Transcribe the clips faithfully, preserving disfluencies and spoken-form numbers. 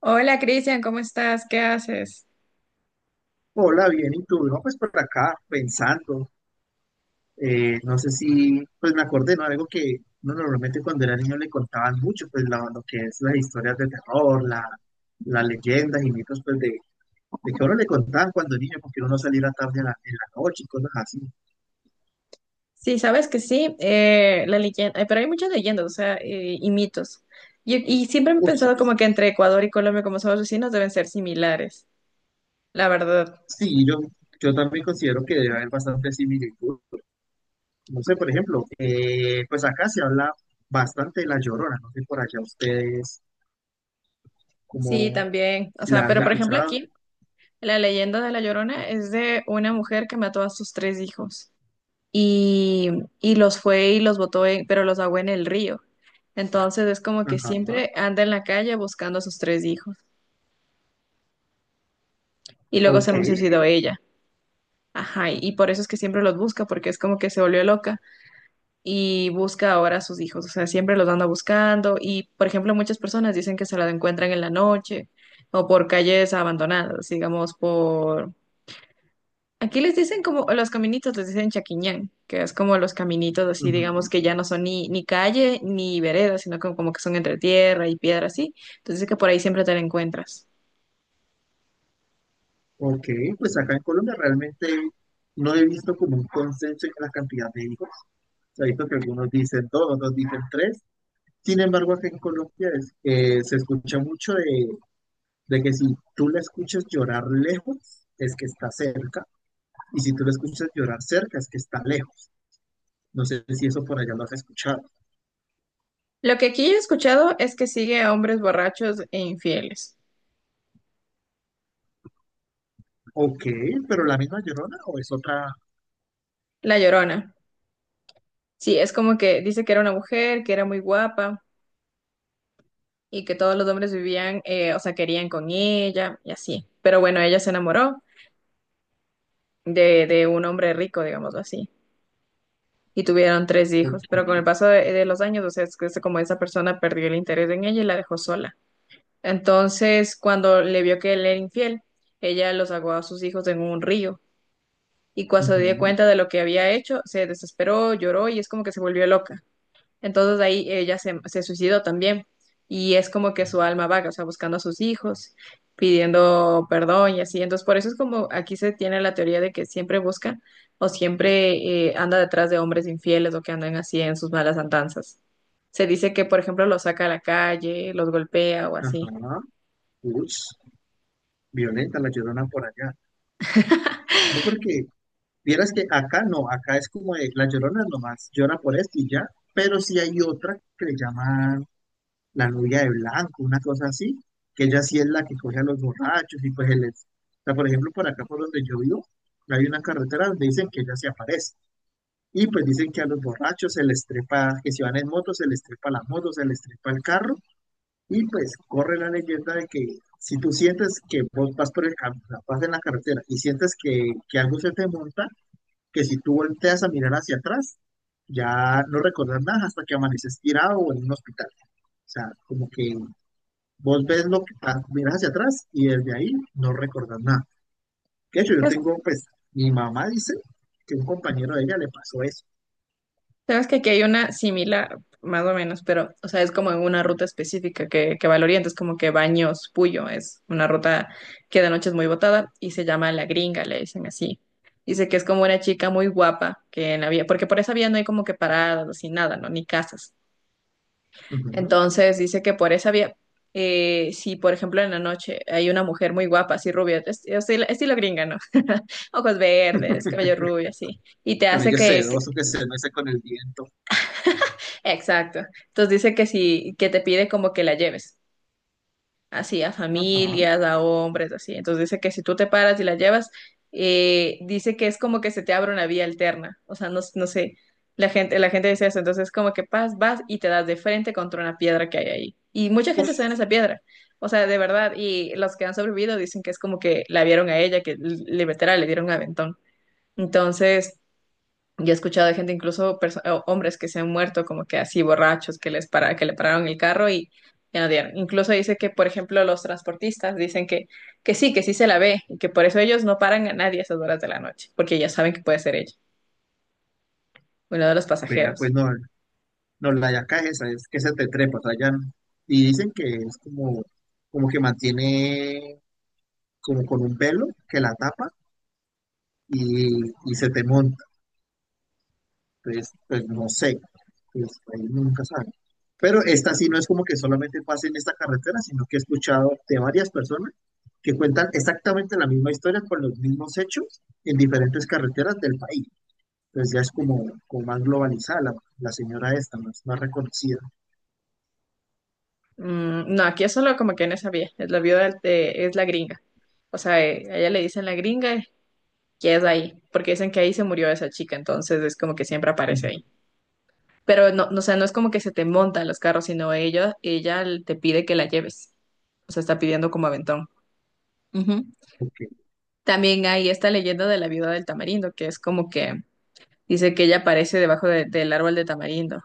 Hola Cristian, ¿cómo estás? ¿Qué haces? Hola, bien, ¿y tú? No, pues por acá, pensando, eh, no sé si, pues me acordé, ¿no? Algo que uno normalmente cuando era niño le contaban mucho, pues la- lo que es las historias de terror, la, las leyendas y mitos, pues de, de que a uno le contaban cuando niño, porque uno no saliera tarde en la, en la noche y cosas así. Sí, sabes que sí, eh, la leyenda, eh, pero hay muchas leyendas, o sea, eh, y mitos. Y, y siempre he Uf, sí, pensado como que entre Ecuador y Colombia, como somos vecinos, deben ser similares, la verdad. sí, yo, yo también considero que debe haber bastante similitud. No sé, por ejemplo, eh, pues acá se habla bastante de la Llorona, no sé por allá ustedes, Sí, como también. O si sea, la pero han por Claro. ejemplo escuchado. aquí, la leyenda de La Llorona es de una mujer que mató a sus tres hijos y, y los fue y los botó, en- pero los ahogó en el río. Entonces es como que Ajá. siempre anda en la calle buscando a sus tres hijos y luego se Ok, Ok. suicidó ella. Ajá, y y por eso es que siempre los busca, porque es como que se volvió loca y busca ahora a sus hijos, o sea, siempre los anda buscando y, por ejemplo, muchas personas dicen que se la encuentran en la noche o por calles abandonadas, digamos, por... Aquí les dicen como los caminitos, les dicen chaquiñán, que es como los caminitos así, digamos, ujú, que ya no son ni, ni calle ni vereda, sino como, como que son entre tierra y piedra así. Entonces es que por ahí siempre te la encuentras. ok, pues acá en Colombia realmente no he visto como un consenso en la cantidad de hijos. O sea, he visto que algunos dicen dos, otros dicen tres. Sin embargo, acá en Colombia es, eh, se escucha mucho de, de que si tú la escuchas llorar lejos, es que está cerca, y si tú la escuchas llorar cerca, es que está lejos. No sé si eso por allá lo has escuchado. Lo que aquí he escuchado es que sigue a hombres borrachos e infieles. Ok, pero ¿la misma llorona o es otra? La Llorona. Sí, es como que dice que era una mujer, que era muy guapa y que todos los hombres vivían, eh, o sea, querían con ella y así. Pero bueno, ella se enamoró de, de un hombre rico, digámoslo así, y tuvieron tres Ok, hijos. Pero con el paso de, de los años, o sea, es que es como esa persona perdió el interés en ella y la dejó sola. Entonces, cuando le vio que él era infiel, ella los ahogó a sus hijos en un río. Y cuando se dio ujú, cuenta de lo que había hecho, se desesperó, lloró y es como que se volvió loca. Entonces ahí ella se, se suicidó también y es como que su alma vaga, o sea, buscando a sus hijos, pidiendo perdón y así. Entonces por eso es como aquí se tiene la teoría de que siempre busca o siempre eh, anda detrás de hombres infieles o que andan así en sus malas andanzas. Se dice que, por ejemplo, los saca a la calle, los golpea o así. ajá, ush, violenta la llorona por allá. No porque vieras que acá no, acá es como de, la Llorona nomás llora por esto y ya, pero sí hay otra que le llaman la novia de blanco, una cosa así, que ella sí es la que coge a los borrachos y pues él es. O sea, por ejemplo, por acá por donde yo vivo, hay una carretera donde dicen que ella se aparece. Y pues dicen que a los borrachos se les trepa, que si van en moto, se les trepa la moto, se les trepa el carro. Y pues corre la leyenda de que si tú sientes que vos vas por el camino, vas en la carretera y sientes que, que algo se te monta, que si tú volteas a mirar hacia atrás, ya no recordás nada hasta que amaneces tirado o en un hospital. O sea, como que vos ves lo que pa- miras hacia atrás y desde ahí no recordás nada. De hecho, yo tengo, pues, mi mamá dice que un compañero de ella le pasó eso. Sabes que aquí hay una similar, más o menos, pero, o sea, es como en una ruta específica que, que va al oriente, es como que Baños Puyo, es una ruta que de noche es muy botada y se llama La Gringa, le dicen así. Dice que es como una chica muy guapa que en la vía, porque por esa vía no hay como que paradas, ni nada, ¿no? Ni casas. Ujú. Entonces dice que por esa vía, eh, si por ejemplo en la noche hay una mujer muy guapa, así rubia, es- estilo, estilo gringa, ¿no? Ojos verdes, cabello rubio, así y te hace Cabello que, sedoso que se mece con el viento. exacto. Entonces dice que si, que te pide como que la lleves, así a Ajá. familias, a hombres, así. Entonces dice que si tú te paras y la llevas, eh, dice que es como que se te abre una vía alterna. O sea, no, no sé, la gente, la gente dice eso. Entonces como que vas, vas y te das de frente contra una piedra que hay ahí. Y mucha gente se da Uf, en esa piedra. O sea, de verdad. Y los que han sobrevivido dicen que es como que la vieron a ella, que li- literal le dieron un aventón. Entonces... Yo he escuchado de gente, incluso perso- o- hombres que se han muerto como que así borrachos, que les para, que le pararon el carro y ya no dieron. Incluso dice que, por ejemplo, los transportistas dicen que, que sí, que sí se la ve y que por eso ellos no paran a nadie a esas horas de la noche, porque ya saben que puede ser ella, uno de los vea, pues pasajeros. no, no, la yaca es esa, es que se te trepa, o sea, ya, no. Y dicen que es como, como que mantiene como con un velo que la tapa y, y se te monta. Entonces, pues no sé, pues ahí nunca sabe. Pero esta sí no es como que solamente pase en esta carretera, sino que he escuchado de varias personas que cuentan exactamente la misma historia con los mismos hechos en diferentes carreteras del país. Entonces ya es como, como más globalizada la, la señora esta, más, más reconocida. Mm, no, aquí es solo como que no sabía, es la viuda de- es la gringa. O sea, eh, a ella le dicen la gringa que es ahí, porque dicen que ahí se murió esa chica, entonces es como que siempre aparece Ujú, ahí. Pero no, no, o sea, no es como que se te montan los carros, sino ella, ella te pide que la lleves. O sea, está pidiendo como aventón. Ujú. ok. También hay esta leyenda de la viuda del tamarindo, que es como que dice que ella aparece debajo de- del árbol de tamarindo.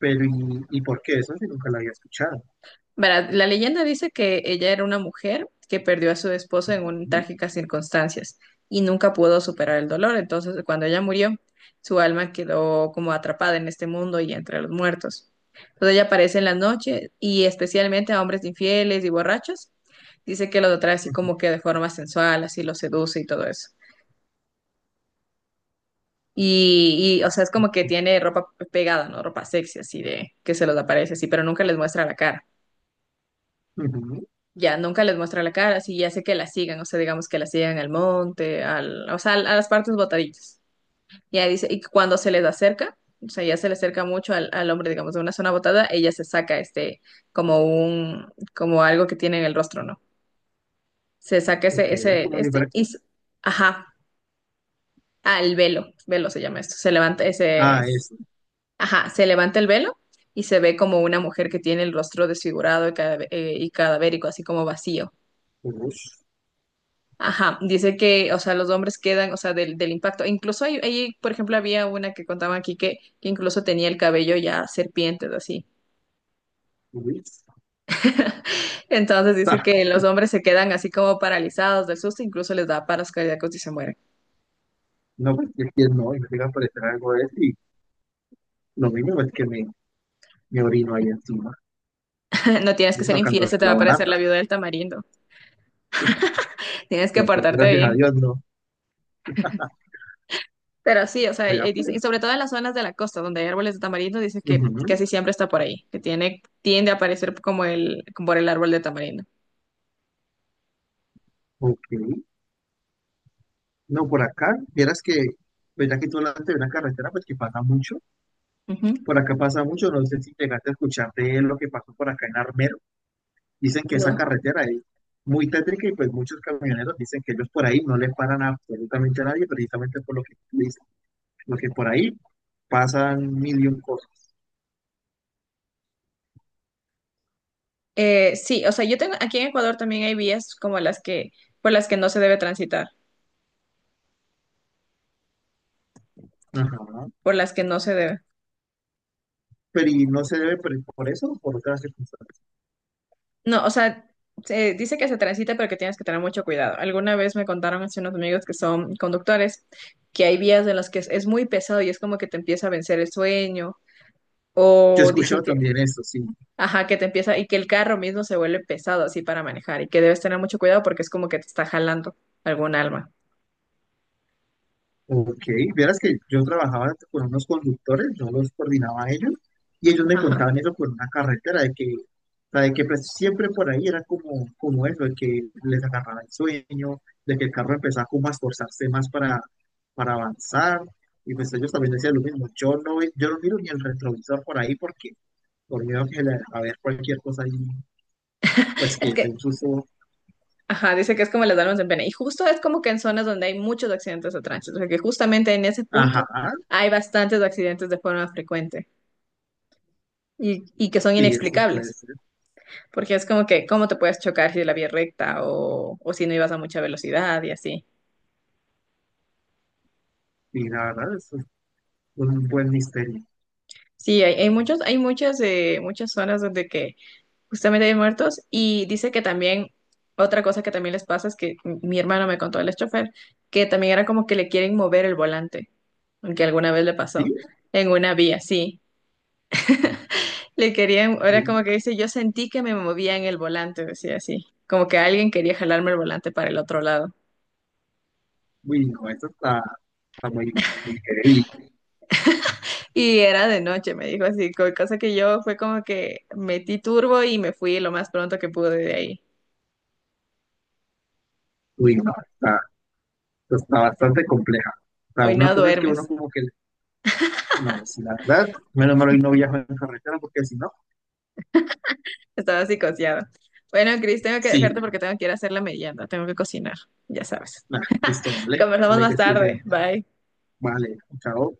Pero, ¿y, y por qué? Eso sí nunca la había escuchado. Verá, la leyenda dice que ella era una mujer que perdió a su esposo en un- Ujú, trágicas circunstancias y nunca pudo superar el dolor. Entonces, cuando ella murió, su alma quedó como atrapada en este mundo y entre los muertos. Entonces, ella aparece en la noche y especialmente a hombres infieles y borrachos. Dice que los atrae así ujú, como que de forma sensual, así los seduce y todo eso. Y, y, o sea, es como que ok, tiene ropa pegada, ¿no? Ropa sexy, así de que se los aparece así, pero nunca les muestra la cara. ujú, Ya, nunca les muestra la cara, sí, ya sé que la sigan, o sea, digamos que la sigan al monte, al, o sea, al- a las partes botaditas. Ya dice, y cuando se les acerca, o sea, ya se le acerca mucho al, al hombre, digamos, de una zona botada, ella se saca este, como un, como algo que tiene en el rostro, ¿no? Se saca ok, ese, ese, como si este, fuera... y, s- ajá, ah, el velo, velo se llama esto, se levanta ese, Ah, eso ajá, se levanta el velo y se ve como una mujer que tiene el rostro desfigurado y, cada, y cadavérico, así como vacío. ush, Ajá, dice que, o sea, los hombres quedan, o sea, del, del impacto. E incluso ahí, ahí, por ejemplo, había una que contaba aquí que, que incluso tenía el cabello ya serpientes, así. uy, Entonces dice ta. que los hombres se quedan así como paralizados del susto, incluso les da paros cardíacos y se mueren. No, pues es que no, y me llega a aparecer algo de eso y lo mínimo es que me, me orino ahí encima, No tienes y que ser infiel, sacando se te va la a parecer barata. la viuda del tamarindo. Tienes que Entonces, portarte gracias a bien. Dios, no. Pero sí, o sea, Vea, ahí dice, y pues. sobre todo en las zonas de la costa donde hay árboles de tamarindo, dice que Ujú, casi siempre está por ahí, que tiene, tiende a aparecer como el, como por el árbol de tamarindo. ok. No, por acá, vieras que, pues ya que tú hablaste de una carretera, pues que pasa mucho. Ujú. Por acá pasa mucho, no sé si llegaste a escuchar de lo que pasó por acá en Armero. Dicen que esa No. carretera es muy tétrica y pues muchos camioneros dicen que ellos por ahí no le paran absolutamente a nadie, precisamente por lo que tú dices, porque por ahí pasan mil y un cosas. Eh, sí, o sea, yo tengo, aquí en Ecuador también hay vías como las que, por las que no se debe transitar, Ajá. por las que no se debe. Pero ¿y no se debe por, por eso o por otras circunstancias? No, o sea, se dice que se transita, pero que tienes que tener mucho cuidado. Alguna vez me contaron hace unos amigos que son conductores, que hay vías en las que es, es muy pesado y es como que te empieza a vencer el sueño, Yo he o dice escuchado que, también eso, sí. ajá, que te empieza, y que el carro mismo se vuelve pesado así para manejar, y que debes tener mucho cuidado porque es como que te está jalando algún alma. Ok, vieras que yo trabajaba con unos conductores, yo los coordinaba a ellos y ellos me contaban Ajá. eso por una carretera, de que, o sea, de que pues, siempre por ahí era como, como eso, de que les agarraba el sueño, de que el carro empezaba como a esforzarse más para, para avanzar y pues ellos también decían lo mismo, yo no, ve- yo no miro ni el retrovisor por ahí porque por miedo que le- a ver cualquier cosa ahí, pues Es que de que un susto, ajá, dice que es como las almas en pena. Y justo es como que en zonas donde hay muchos accidentes de tránsito, o sea que justamente en ese ajá, punto hay bastantes accidentes de forma frecuente y, y que son sí, eso puede inexplicables, ser, porque es como que cómo te puedes chocar si la vía es recta o, o si no ibas a mucha velocidad y así. y la verdad, eso es un buen misterio, Sí, hay, hay muchos, hay muchas, eh, muchas zonas donde que justamente de muertos, y dice que también, otra cosa que también les pasa es que m- mi hermano me contó, el chofer, que también era como que le quieren mover el volante, aunque alguna vez le pasó, en una vía, sí. Le querían, era como ¿sí? que dice, yo sentí que me movía en el volante, decía así, como que alguien quería jalarme el volante para el otro lado. Uy, no, eso está, está muy, muy heavy. Y era de noche, me dijo así, co- cosa que yo fue como que metí turbo y me fui lo más pronto que pude de ahí. Uy, no, está, está bastante compleja. O sea, Hoy una no cosa es que duermes. uno como que, no, pues, si la verdad, menos mal hoy no viajo en carretera porque si no, Estaba psicoseado. Bueno, Cris, tengo que dejarte sí, porque tengo que ir a hacer la merienda, tengo que cocinar, ya sabes. nah, listo, vale, Conversamos vale que más estoy tarde. bien, Bye. vale, chao.